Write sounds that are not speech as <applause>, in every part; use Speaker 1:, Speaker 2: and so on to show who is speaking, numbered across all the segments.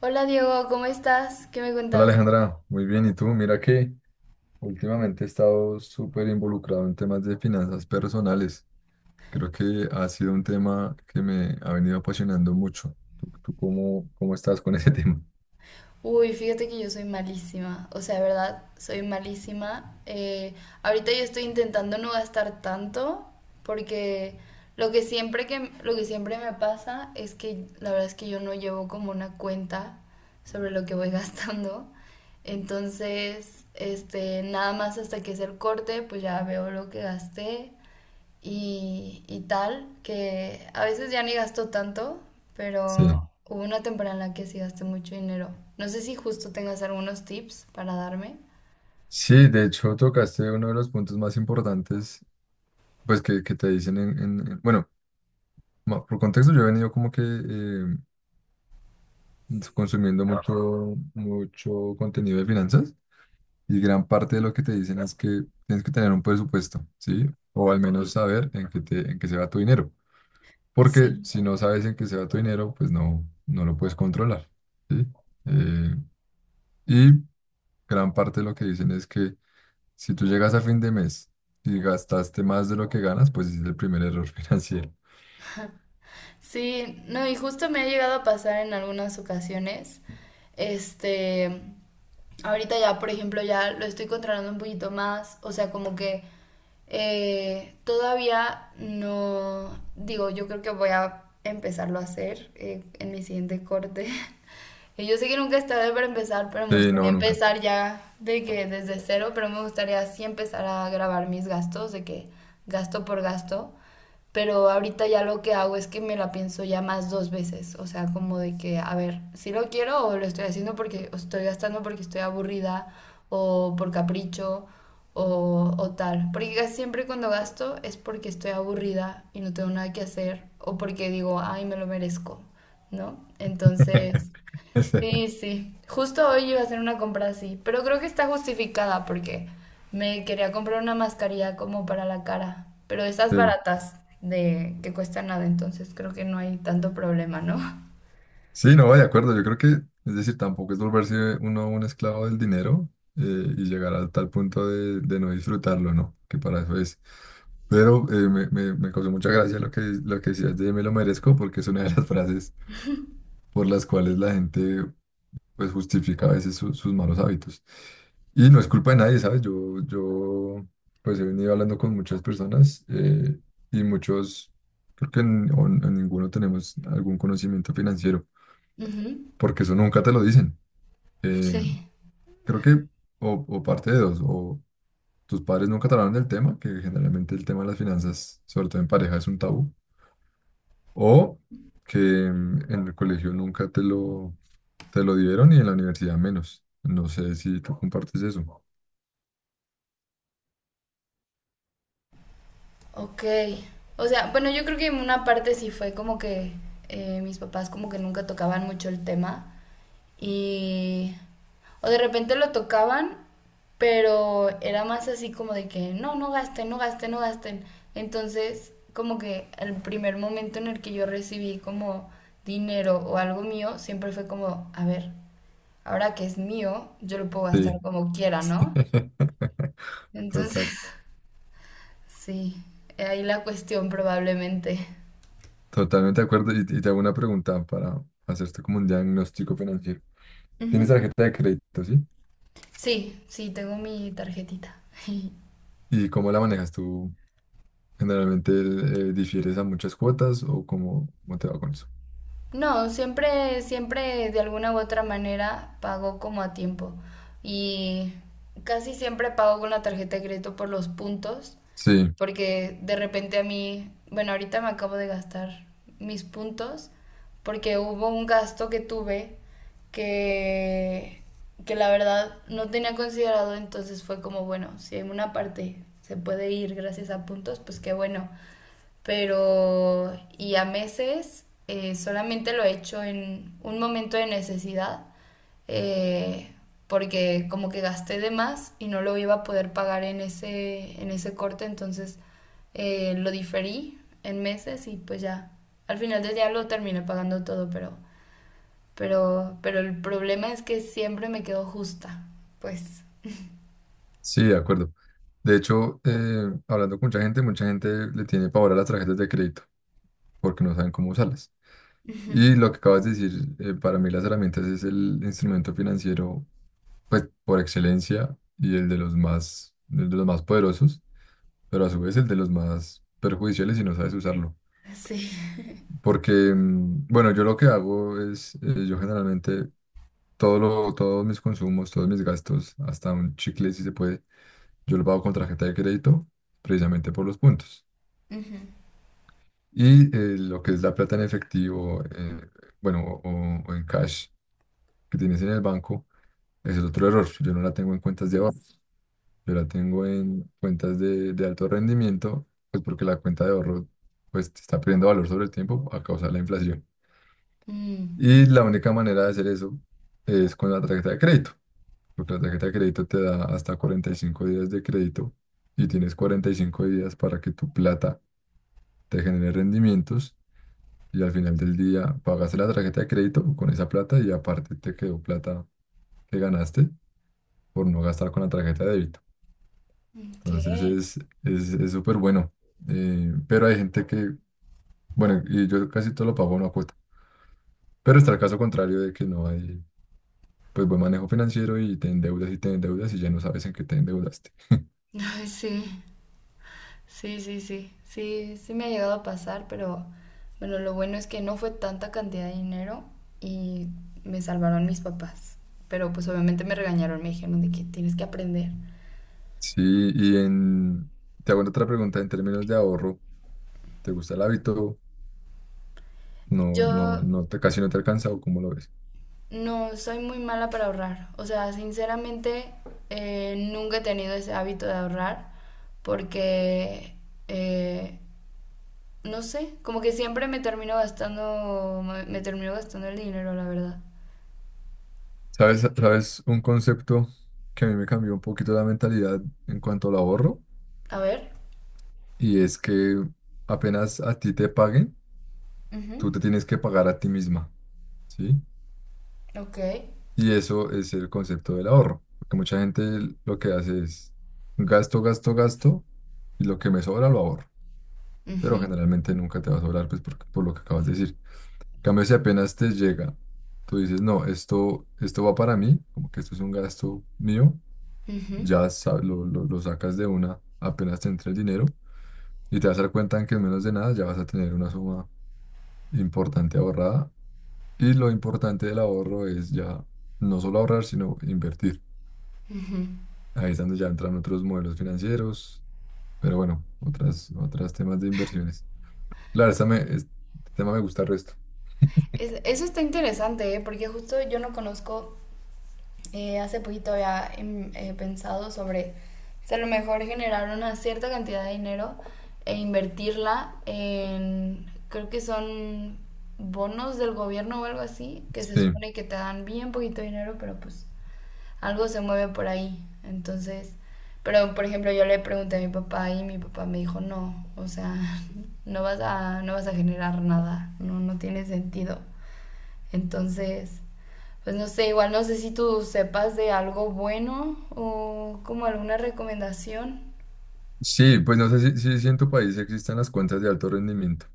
Speaker 1: Hola Diego, ¿cómo estás? ¿Qué me
Speaker 2: Hola
Speaker 1: cuentas?
Speaker 2: Alejandra, muy bien. ¿Y tú? Mira que últimamente he estado súper involucrado en temas de finanzas personales. Creo que ha sido un tema que me ha venido apasionando mucho. ¿Tú cómo estás con <laughs> ese tema?
Speaker 1: Uy, fíjate que yo soy malísima, o sea, de verdad, soy malísima. Ahorita yo estoy intentando no gastar tanto porque lo que siempre me pasa es que la verdad es que yo no llevo como una cuenta sobre lo que voy <laughs> gastando. Entonces, nada más hasta que es el corte, pues ya veo lo que gasté. Y tal, que a veces ya ni gasto tanto,
Speaker 2: Sí.
Speaker 1: pero hubo una temporada en la que sí gasté mucho dinero. No sé si justo tengas algunos tips para darme.
Speaker 2: Sí, de hecho tocaste uno de los puntos más importantes, pues que te dicen bueno, por contexto yo he venido como que consumiendo mucho, mucho contenido de finanzas. Y gran parte de lo que te dicen es que tienes que tener un presupuesto, ¿sí? O al menos saber en qué se va tu dinero. Porque
Speaker 1: Sí.
Speaker 2: si no sabes en qué se va tu dinero, pues no lo puedes controlar, ¿sí? Eh, y gran parte de lo que dicen es que si tú llegas a fin de mes y gastaste más de lo que ganas, pues ese es el primer error <laughs> financiero.
Speaker 1: Sí, no, y justo me ha llegado a pasar en algunas ocasiones. Este, Ahorita ya, por ejemplo, ya lo estoy controlando un poquito más. O sea, como que todavía no, digo, yo creo que voy a empezarlo a hacer en mi siguiente corte. <laughs> Y yo sé que nunca es tarde para empezar, pero me
Speaker 2: Sí,
Speaker 1: gustaría
Speaker 2: no, nunca.
Speaker 1: empezar ya de que desde cero, pero me gustaría sí empezar a grabar mis gastos, de que gasto por gasto. Pero ahorita ya lo que hago es que me la pienso ya más dos veces, o sea, como de que, a ver, si lo quiero o lo estoy haciendo porque o estoy gastando porque estoy aburrida o por capricho o tal, porque casi siempre cuando gasto es porque estoy aburrida y no tengo nada que hacer o porque digo, ay, me lo merezco, ¿no? Entonces...
Speaker 2: <laughs>
Speaker 1: Sí, sí. Justo hoy iba a hacer una compra así, pero creo que está justificada porque me quería comprar una mascarilla como para la cara, pero esas
Speaker 2: Sí.
Speaker 1: baratas de que cuestan nada, entonces creo que no hay tanto problema, ¿no?
Speaker 2: Sí, no, de acuerdo. Yo creo es decir, tampoco es volverse uno un esclavo del dinero eh, y llegar a tal punto de no disfrutarlo, ¿no? Que para eso es. Pero me causó mucha gracia lo que decías de me lo merezco, porque es una de las <laughs> frases por las cuales la gente pues justifica a veces sus malos hábitos. Y no es culpa de nadie, ¿sabes? Yo pues he venido hablando con muchas personas y muchos, creo que en ninguno tenemos algún conocimiento financiero
Speaker 1: Ujú.
Speaker 2: porque eso nunca te lo dicen. Eh,
Speaker 1: Sí.
Speaker 2: creo que, o parte de dos, o tus padres nunca te hablaron del tema, que generalmente el tema de las finanzas, sobre todo en pareja, es un tabú, o que en el colegio nunca te lo dieron y en la universidad menos. No sé si tú compartes eso.
Speaker 1: Ok. O sea, bueno, yo creo que en una parte sí fue como que mis papás como que nunca tocaban mucho el tema y... O de repente lo tocaban, pero era más así como de que no, no gasten, no gasten, no gasten. Entonces, como que el primer momento en el que yo recibí como dinero o algo mío, siempre fue como, a ver, ahora que es mío, yo lo puedo gastar
Speaker 2: Sí.
Speaker 1: como quiera, ¿no?
Speaker 2: <laughs> Total,
Speaker 1: Entonces, <laughs> sí, ahí la cuestión probablemente.
Speaker 2: totalmente de acuerdo. Y te hago una pregunta para hacerte como un diagnóstico financiero. ¿Tienes
Speaker 1: Ujú.
Speaker 2: tarjeta de crédito, sí?
Speaker 1: Sí, sí, tengo mi tarjetita. <laughs>
Speaker 2: ¿Y cómo la manejas tú? Generalmente difieres a muchas cuotas, o cómo te va con eso.
Speaker 1: No, siempre, siempre de alguna u otra manera pago como a tiempo. Y casi siempre pago con la tarjeta de crédito por los puntos,
Speaker 2: Sí,
Speaker 1: porque de repente a mí, bueno, ahorita me acabo de gastar mis puntos, porque hubo un gasto que tuve que, que la verdad no tenía considerado, entonces fue como, bueno, si en una parte se puede ir gracias a puntos, pues qué bueno. Pero y a meses solamente lo he hecho en un momento de necesidad, eh, porque como que gasté de más y no lo iba a poder pagar en en ese corte, entonces lo diferí en meses y pues ya, al final del día lo terminé pagando todo, pero el problema es que siempre me quedo justa, pues
Speaker 2: sí, de acuerdo. De hecho, hablando con mucha gente le tiene pavor a las tarjetas de crédito porque no saben cómo usarlas. Y lo que acabas de decir, para mí las herramientas es el instrumento financiero, pues por excelencia y el de los más poderosos, pero a su vez el de los más perjudiciales si no sabes usarlo.
Speaker 1: sí. <laughs>
Speaker 2: Porque, bueno, yo lo que hago es, yo generalmente todo todos mis consumos, todos mis gastos, hasta un chicle si se puede, yo lo pago con tarjeta de crédito precisamente por los puntos.
Speaker 1: Ujú.
Speaker 2: Y lo que es la plata en efectivo, bueno, o en cash que tienes en el banco, ese es otro error. Yo no la tengo en cuentas de ahorro, yo la tengo en cuentas de alto rendimiento, pues porque la cuenta de ahorro pues está perdiendo valor sobre el tiempo a causa de la inflación.
Speaker 1: Mm,
Speaker 2: Y la única manera de hacer eso es con la tarjeta de crédito. Tu tarjeta de crédito te da hasta 45 días de crédito y tienes 45 días para que tu plata te genere rendimientos y al final del día pagaste la tarjeta de crédito con esa plata y aparte te quedó plata que ganaste por no gastar con la tarjeta de débito.
Speaker 1: ok.
Speaker 2: Entonces es súper bueno. Pero hay gente que, bueno, y yo casi todo lo pago no a una cuota. Pero está el caso contrario de que no hay pues buen manejo financiero y te endeudas y te endeudas y ya no sabes en qué te endeudaste.
Speaker 1: <laughs> Ay, sí. Sí, me ha llegado a pasar, pero bueno, lo bueno es que no fue tanta cantidad de dinero y me salvaron mis papás. Pero pues obviamente me regañaron, me dijeron de que tienes que aprender.
Speaker 2: Sí, y en, te hago otra pregunta en términos de ahorro. ¿Te gusta el hábito?
Speaker 1: Yo
Speaker 2: Casi no te alcanza, o cómo lo ves.
Speaker 1: no soy muy mala para ahorrar, o sea, sinceramente nunca he tenido ese hábito de ahorrar porque, eh, no sé, como que siempre me termino gastando, me termino gastando el dinero, la verdad.
Speaker 2: ¿Sabes un concepto que a mí me cambió un poquito la mentalidad en cuanto al ahorro?
Speaker 1: A ver.
Speaker 2: Y es que apenas a ti te paguen, tú
Speaker 1: Ujú.
Speaker 2: te tienes que pagar a ti misma, ¿sí?
Speaker 1: Ok.
Speaker 2: Y eso es el concepto del ahorro, porque mucha gente lo que hace es gasto, gasto, gasto, y lo que me sobra lo ahorro, pero
Speaker 1: Ujú,
Speaker 2: generalmente nunca te va a sobrar, pues por lo que acabas de decir. Cambio, si apenas te llega, tú dices, no, esto va para mí, como que esto es un gasto mío,
Speaker 1: ujú,
Speaker 2: ya lo sacas de una, apenas te entra el dinero y te vas a dar cuenta en que en menos de nada ya vas a tener una suma importante ahorrada. Y lo importante del ahorro es ya no solo ahorrar, sino invertir.
Speaker 1: ujú.
Speaker 2: Ahí es donde ya entran otros modelos financieros, pero bueno, otras temas de inversiones. Claro, este tema me gusta el resto.
Speaker 1: Eso está interesante, ¿eh? Porque justo yo no conozco, hace poquito había pensado sobre si a lo mejor generar una cierta cantidad de dinero e invertirla en, creo que son bonos del gobierno o algo así, que se
Speaker 2: Sí.
Speaker 1: supone que te dan bien poquito dinero, pero pues algo se mueve por ahí. Entonces, pero por ejemplo, yo le pregunté a mi papá y mi papá me dijo, no, o sea, <laughs> no vas a generar nada, no, no tiene sentido. Entonces, pues no sé, igual no sé si tú sepas de algo bueno o como alguna recomendación.
Speaker 2: Sí, pues no sé si, si en tu país existen las cuentas de alto rendimiento.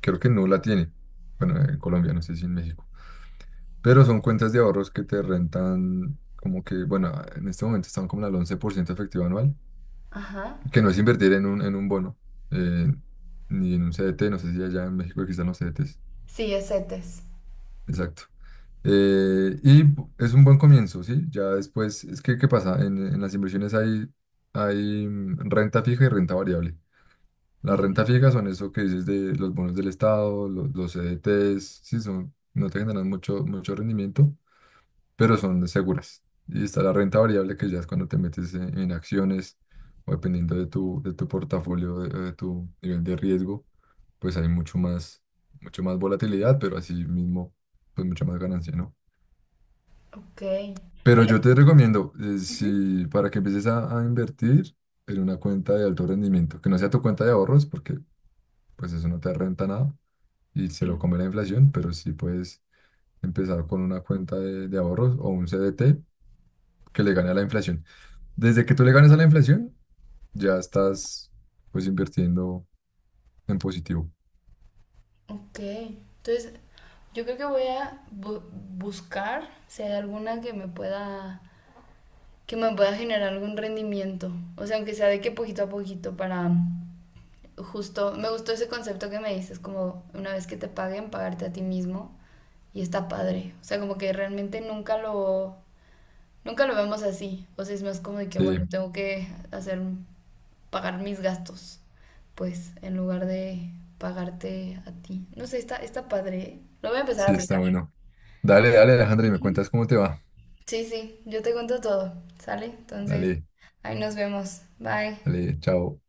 Speaker 2: Creo que no la tiene. Bueno, en Colombia, no sé si en México. Pero son cuentas de ahorros que te rentan como que, bueno, en este momento están como al 11% efectivo anual,
Speaker 1: Ajá.
Speaker 2: que no es invertir en un bono, eh, ni en un CDT. No sé si allá en México existan los CDTs.
Speaker 1: Sí, es CETES.
Speaker 2: Exacto. Es un buen comienzo, ¿sí? Ya después, es que, ¿qué pasa? En las inversiones hay, renta fija y renta variable. Las rentas fijas son eso que dices de los bonos del Estado, los, CDTs, sí, son, no te generan mucho, mucho rendimiento, pero son seguras. Y está la renta variable que ya es cuando te metes en acciones o dependiendo de tu portafolio, de tu nivel de riesgo, pues hay mucho más volatilidad, pero así mismo, pues mucha más ganancia, ¿no?
Speaker 1: Ok.
Speaker 2: Pero
Speaker 1: Pero,
Speaker 2: yo te recomiendo,
Speaker 1: ujú.
Speaker 2: si para que empieces a invertir en una cuenta de alto rendimiento, que no sea tu cuenta de ahorros, porque pues eso no te renta nada y se lo
Speaker 1: Mm,
Speaker 2: come la inflación, pero sí puedes empezar con una cuenta de ahorros o un CDT que le gane a la inflación. Desde que tú le ganes a la inflación, ya estás pues invirtiendo en positivo.
Speaker 1: ok. Entonces, yo creo que voy a buscar si hay alguna que me pueda generar algún rendimiento. O sea, aunque sea de que poquito a poquito para justo, me gustó ese concepto que me dices, como una vez que te paguen, pagarte a ti mismo. Y está padre. O sea, como que realmente nunca nunca lo vemos así. O sea, es más como de que,
Speaker 2: Sí,
Speaker 1: bueno, tengo que hacer, pagar mis gastos, pues, en lugar de pagarte a ti. No sé, está padre. ¿Eh? Lo voy a empezar a
Speaker 2: sí, está
Speaker 1: aplicar.
Speaker 2: bueno. Dale, dale, Alejandro, y me cuentas cómo te va.
Speaker 1: Sí, sí, yo te cuento todo, ¿sale? Entonces,
Speaker 2: Dale,
Speaker 1: ahí nos vemos. Bye.
Speaker 2: dale, chao.